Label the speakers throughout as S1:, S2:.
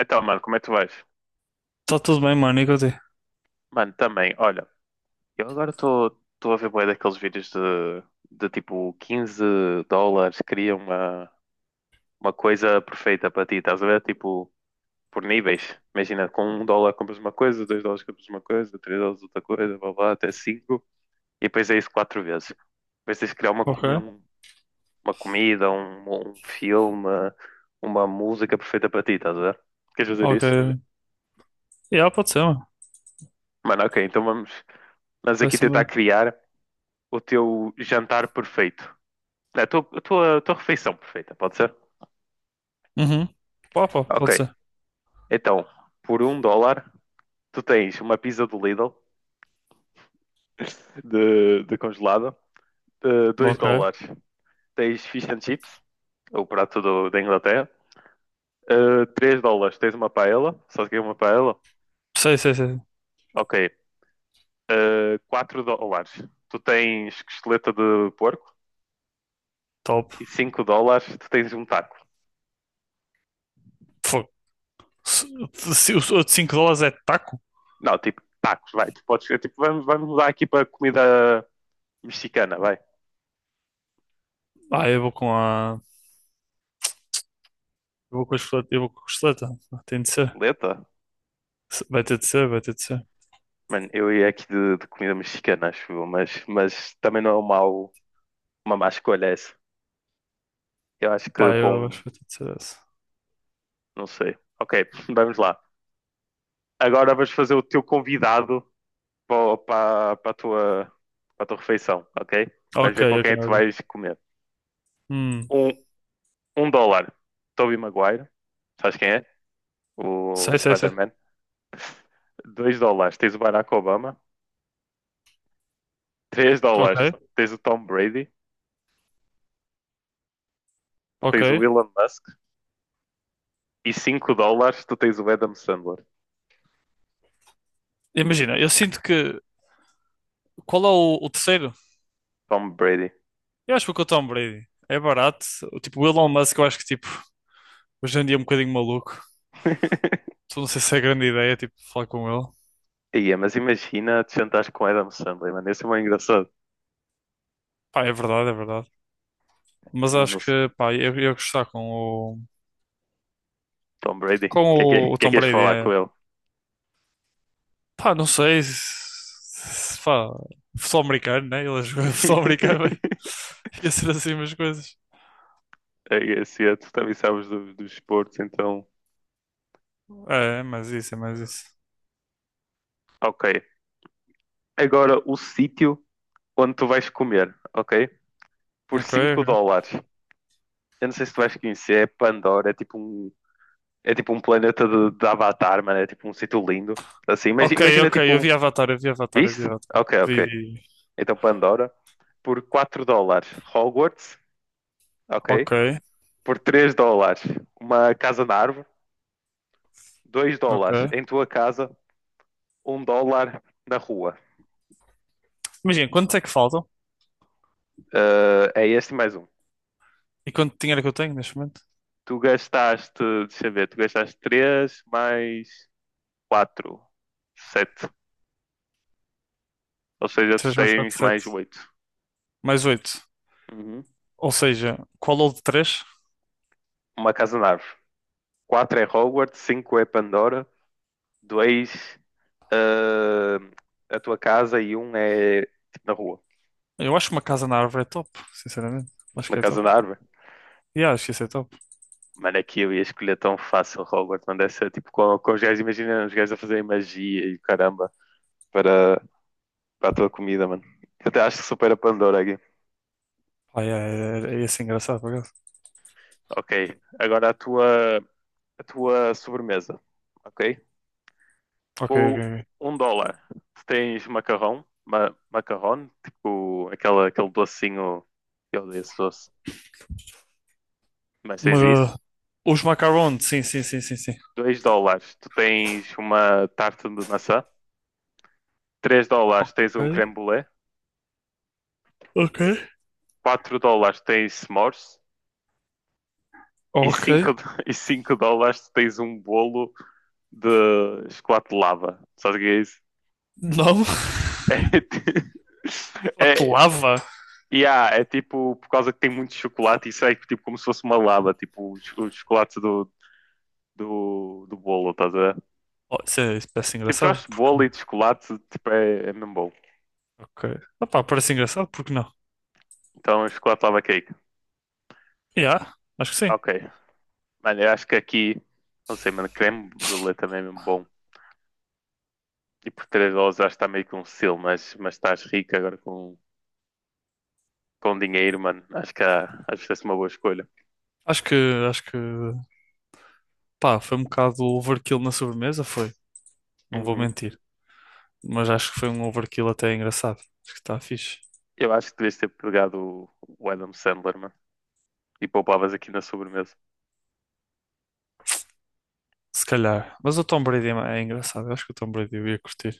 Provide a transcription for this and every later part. S1: Então, mano, como é que tu vais?
S2: Tá tudo bem, mano, e contigo?
S1: Mano, também, olha, eu agora estou a ver bué daqueles vídeos de tipo 15 dólares, cria uma coisa perfeita para ti, estás a ver? Tipo, por níveis. Imagina, com um dólar compras uma coisa, dois dólares compras uma coisa, três dólares outra coisa, blá blá, até cinco. E depois é isso quatro vezes. Depois tens de criar
S2: Ok,
S1: uma comida, um filme, uma música perfeita para ti, estás a ver? Queres fazer isso?
S2: ok. Yeah, pode ser, mano.
S1: Mano, ok, então vamos aqui
S2: Parece-me
S1: tentar
S2: bem.
S1: criar o teu jantar perfeito. É, a tua refeição perfeita, pode ser?
S2: Uhum. Pá, pá, pode
S1: Ok.
S2: ser.
S1: Então, por um dólar, tu tens uma pizza do Lidl, de congelada. Dois
S2: Ok.
S1: dólares, tens fish and chips, o prato da Inglaterra. Três dólares, tens uma paella. Sabes o que é uma paella?
S2: Sei, sei, sei.
S1: Ok. Quatro dólares, tu tens costeleta de porco.
S2: Top.
S1: E cinco dólares, tu tens um taco.
S2: Fogo. Se, se os outros cinco dólares é taco?
S1: Não, tipo, tacos, vai. Tu podes, é, tipo, vamos mudar aqui para comida mexicana, vai.
S2: Ah, eu vou com a. Eu vou com a costeleta. Eu vou com a costeleta. Tem de ser.
S1: Lenta?
S2: Vai ter de ser, vai ter de ser.
S1: Mano, eu ia aqui de comida mexicana, acho eu, mas também não é uma má escolha essa. Eu acho que
S2: Pá,
S1: para
S2: eu acho
S1: um.
S2: que vai ter de ser essa.
S1: Não sei. Ok, vamos lá. Agora vais fazer o teu convidado para, para, para a tua, para a tua refeição, ok? Vamos
S2: Ok,
S1: ver com
S2: ok,
S1: quem é que tu
S2: ok.
S1: vais comer.
S2: Hum.
S1: Um, um dólar, Tobey Maguire. Sabes quem é? O
S2: Sei, sei, sei.
S1: Spider-Man. Dois dólares, tens o Barack Obama. Três dólares,
S2: Ok,
S1: tens o Tom Brady.
S2: ok.
S1: Tens o Elon Musk. E 5 dólares tu tens o Adam Sandler.
S2: Imagina, eu sinto que. Qual é o terceiro?
S1: Tom Brady.
S2: Eu acho que vou com o Tom Brady. É barato. Tipo, o Elon Musk, eu acho que tipo. Hoje em dia é um bocadinho maluco. Então, não sei se é grande ideia, tipo, falar com ele.
S1: Ia, mas imagina te sentares com o Adam Sandler, mano. Esse é muito engraçado.
S2: Pá, é verdade, é verdade. Mas acho
S1: Mas
S2: que, pá, eu ia gostar com o,
S1: Tom Brady, o
S2: com
S1: que é que,
S2: o, o
S1: que é
S2: Tom
S1: que és
S2: Brady.
S1: falar
S2: É.
S1: com ele?
S2: Pá, não sei se, pá, futebol americano, né? Ele jogou futebol americano, mas ia ser assim umas coisas.
S1: É esse, tu também sabes dos esportes, então.
S2: É, é mais isso, é mais isso.
S1: Ok. Agora o sítio onde tu vais comer, ok? Por
S2: Ok,
S1: 5
S2: ok.
S1: dólares. Eu não sei se tu vais conhecer, é Pandora, é tipo um planeta de Avatar, mano. É tipo um sítio lindo. Assim, imagi-
S2: Ok,
S1: imagina,
S2: ok, eu
S1: tipo.
S2: vi Avatar, eu vi Avatar, eu vi
S1: Viste?
S2: Avatar.
S1: Ok,
S2: Vi,
S1: ok.
S2: vi.
S1: Então Pandora. Por 4 dólares Hogwarts, ok?
S2: Ok,
S1: Por 3 dólares uma casa na árvore, 2 dólares
S2: ok.
S1: em tua casa, um dólar na rua.
S2: Imagina, quantos é que faltam?
S1: Ah, é este mais um.
S2: E quanto dinheiro é que eu tenho neste momento?
S1: Deixa eu ver, tu gastaste 3 mais 4, 7. Ou seja, tu
S2: 3, mais 4,
S1: tens mais
S2: 7,
S1: 8.
S2: mais 8. Ou seja, qual ou de três?
S1: Uma casa na árvore. 4 é Hogwarts, 5 é Pandora, 2 a tua casa e um é tipo, na rua.
S2: Eu acho que uma casa na árvore é top, sinceramente. Acho
S1: Uma
S2: que é
S1: casa
S2: top.
S1: na árvore.
S2: Yeah, acho que isso é top.
S1: Mano, aqui eu ia escolher tão fácil Robert mano. Deve ser tipo com os gajos, imagina os gajos a fazerem magia e caramba para, para a tua comida, mano. Eu até acho que supera a Pandora aqui.
S2: Ah, yeah, é assim engraçado, por acaso.
S1: Ok, agora a tua sobremesa, ok?
S2: Ok, ok,
S1: Com
S2: ok.
S1: um dólar, tu tens macarrão, tipo aquele docinho, eu odeio esse doce, mas tens
S2: Uma-
S1: isso.
S2: Os macarons, sim, sim, sim, sim, sim.
S1: Dois dólares, tu tens uma tarta de maçã. Três dólares,
S2: Ok,
S1: tens um creme brulee.
S2: ok,
S1: Quatro dólares, tens s'mores. E
S2: ok.
S1: 5. E cinco dólares se tens um bolo de chocolate de lava. Sabes o que é isso?
S2: Não,
S1: É, ti- é,
S2: lava.
S1: yeah, é tipo, por causa que tem muito chocolate, isso é tipo como se fosse uma lava, tipo os, chocolates do bolo, estás a ver?
S2: Oh, isso parece
S1: Tipo, se eu
S2: engraçado.
S1: acho
S2: Porque…
S1: bolo e de chocolate, tipo, é mesmo bom.
S2: Ok. Ah, pá, parece engraçado, porque não?
S1: Então, chocolate lava cake.
S2: Yeah, acho que sim.
S1: Ok. Mano, eu acho que aqui, não sei, mano, creme brulee também é mesmo bom. E por 3 dólares acho que está meio que um selo, mas estás rico agora com dinheiro, mano, acho que essa é uma boa escolha.
S2: Acho que, acho que pá, foi um bocado overkill na sobremesa, foi. Não vou
S1: Uhum.
S2: mentir. Mas acho que foi um overkill até engraçado. Acho que está fixe.
S1: Eu acho que devias ter pegado o Adam Sandler, mano, e poupavas aqui na sobremesa.
S2: Se calhar. Mas o Tom Brady é engraçado. Eu acho que o Tom Brady eu ia curtir.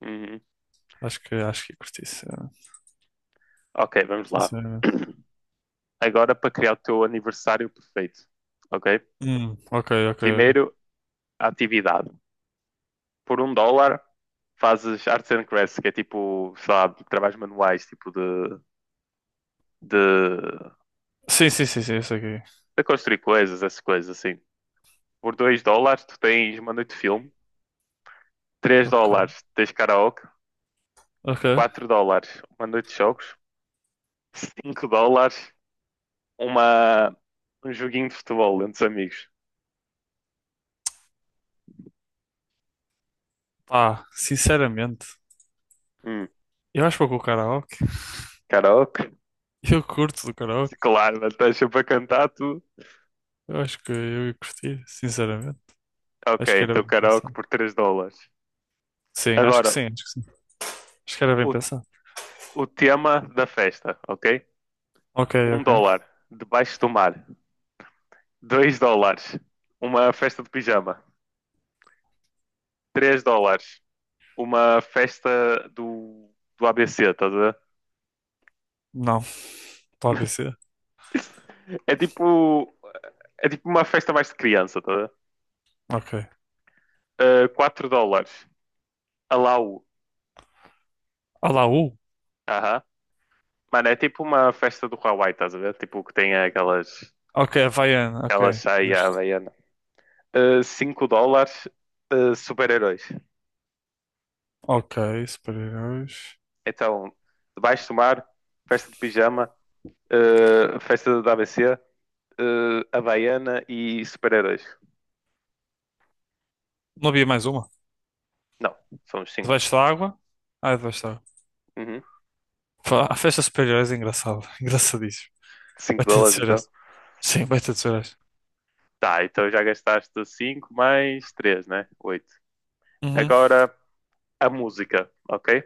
S1: Uhum.
S2: Acho que ia curtir, sinceramente.
S1: Ok, vamos lá.
S2: Sinceramente.
S1: Agora para criar o teu aniversário perfeito, ok?
S2: Ok, ok, ok.
S1: Primeiro, a atividade. Por um dólar, fazes arts and crafts, que é tipo, sei lá, trabalhos manuais, tipo de,
S2: Sim, sim, sim, sim, isso aqui.
S1: de construir coisas, essas coisas assim. Por dois dólares, tu tens uma noite de filme. Três
S2: Ok,
S1: dólares, tens karaoke.
S2: ok.
S1: Quatro dólares uma noite de jogos, 5 dólares uma, um joguinho de futebol entre os amigos.
S2: Pá, sinceramente,
S1: Hum,
S2: eu acho que vou com o karaoke.
S1: Karaoke?
S2: Eu curto do karaoke.
S1: Claro, mas estás para cantar tudo.
S2: Eu acho que eu ia curtir, sinceramente.
S1: Ok,
S2: Acho que era
S1: então
S2: bem
S1: karaoke
S2: pensado.
S1: por 3 dólares.
S2: Sim, acho que
S1: Agora,
S2: sim, acho que sim. Acho que era bem
S1: o,
S2: pensado.
S1: o tema da festa, ok?
S2: Ok,
S1: Um
S2: ok.
S1: dólar, debaixo do mar. Dois dólares, uma festa de pijama. Três dólares, uma festa do ABC, estás a ver?
S2: Não, para ABC.
S1: É tipo, é tipo uma festa mais de criança, tá?
S2: Ok.
S1: 4 dólares. Alau.
S2: Olá, U.
S1: Aham. Mano, é tipo uma festa do Hawaii, estás a ver? Tipo que tem aquelas,
S2: Ok, havaiana, ok.
S1: aquelas saia à
S2: Justo.
S1: havaiana. 5 dólares, super-heróis.
S2: Ok, super-heróis.
S1: Então, debaixo do mar, festa de pijama, festa da ABC, havaiana e super-heróis.
S2: Não havia mais uma?
S1: Não, somos cinco.
S2: Debaixo da água? Ah, é debaixo da água.
S1: Uhum.
S2: Pá, a festa superior é engraçado. Engraçadíssimo.
S1: 5
S2: Vai ter de
S1: dólares
S2: ser
S1: então.
S2: essa. Sim, vai ter de ser essa.
S1: Tá, então já gastaste 5 mais 3 né? Oito.
S2: Uhum.
S1: Agora a música, ok?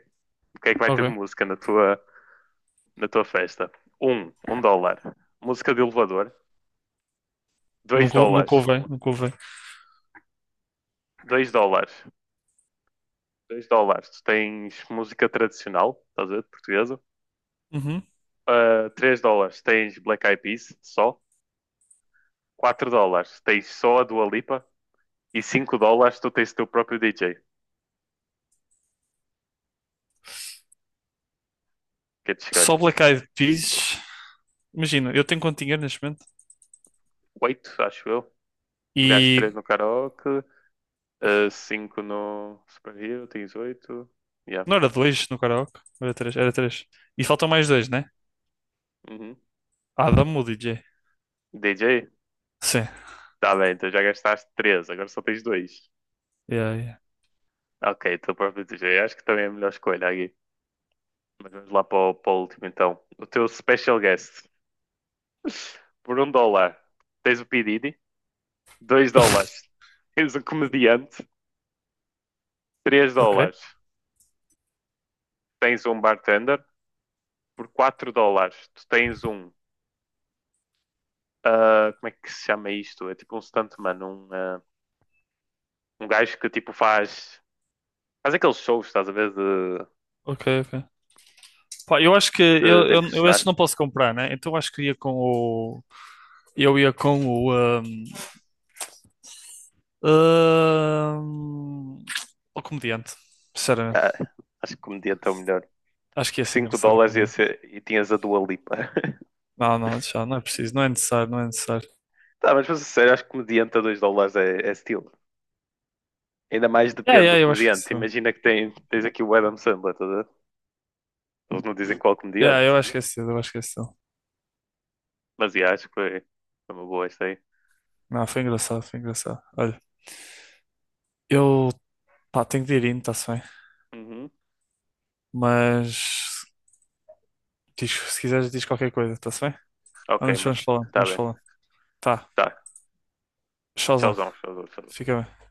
S1: O que é que vai ter de
S2: Ok.
S1: música na tua festa. Um dólar. Música de elevador. Dois
S2: Nunca, nunca
S1: dólares.
S2: ouvei, nunca ouvei.
S1: Dois dólares. Tu tens música tradicional, estás a ver? Portuguesa.
S2: Uhum.
S1: Ah, três dólares. Tens Black Eyed Peas, só. Quatro dólares. Tens só a Dua Lipa. E cinco dólares tu tens o teu próprio DJ. Que é de
S2: Só
S1: escolhes.
S2: Black Eyed Peas. Imagina, eu tenho quanto dinheiro neste momento?
S1: Oito, acho eu. Pegaste
S2: E
S1: três no karaoke. Cinco no Super Hero. Tens oito. Yeah.
S2: não era dois no karaoke? Era três, era três. E faltam mais dois, né?
S1: Uhum.
S2: Adam, o DJ.
S1: DJ?
S2: Sim.
S1: Tá bem, então já gastaste três. Agora só tens dois.
S2: Yeah, yeah.
S1: Ok, teu próprio DJ. Acho que também é a melhor escolha aqui. Mas vamos lá para o último então. O teu special guest. Por um dólar, tens o P. Diddy. Dois dólares, tens um comediante. Três
S2: Ok,
S1: dólares, tens um bartender. Por quatro dólares, tu tens um. Ah, como é que se chama isto? É tipo um stuntman. Um gajo que tipo faz aqueles shows, estás a ver? De,
S2: ok, ok. Pá, eu acho que
S1: de,
S2: eu,
S1: de
S2: eu, eu esse
S1: impressionar.
S2: não posso comprar, né? Então eu acho que ia com o. Eu ia com o. hum, Ahn, O comediante, sinceramente.
S1: Ah, acho que comediante é o melhor.
S2: Acho que ia
S1: Por
S2: ser
S1: cinco
S2: engraçado o
S1: dólares
S2: comediante.
S1: e tinhas a Dua Lipa.
S2: Não, não, já, não é preciso, não é necessário, não é necessário.
S1: Tá, mas para ser sincero, acho que comediante a 2 dólares é estilo. Ainda mais
S2: Yeah,
S1: depende do
S2: yeah, eu acho que é
S1: comediante.
S2: isso.
S1: Imagina que tens aqui o Adam Sandler, tá a ver? Eles não dizem qual
S2: Yeah,
S1: comediante.
S2: eu acho que é isso, eu acho que é isso.
S1: Mas yeah, acho que foi uma boa esta aí.
S2: Não, foi engraçado, foi engraçado. Olha, eu, pá, tenho de ir indo, está-se bem.
S1: Uhum.
S2: Mas, diz, se quiseres, diz qualquer coisa, está-se bem?
S1: Ok,
S2: Vamos,
S1: mano.
S2: vamos falando,
S1: Tá
S2: vamos
S1: bem.
S2: falando. Tá,
S1: Tá.
S2: tchauzão,
S1: Tchauzão, tchauzão, tchauzão.
S2: fica bem.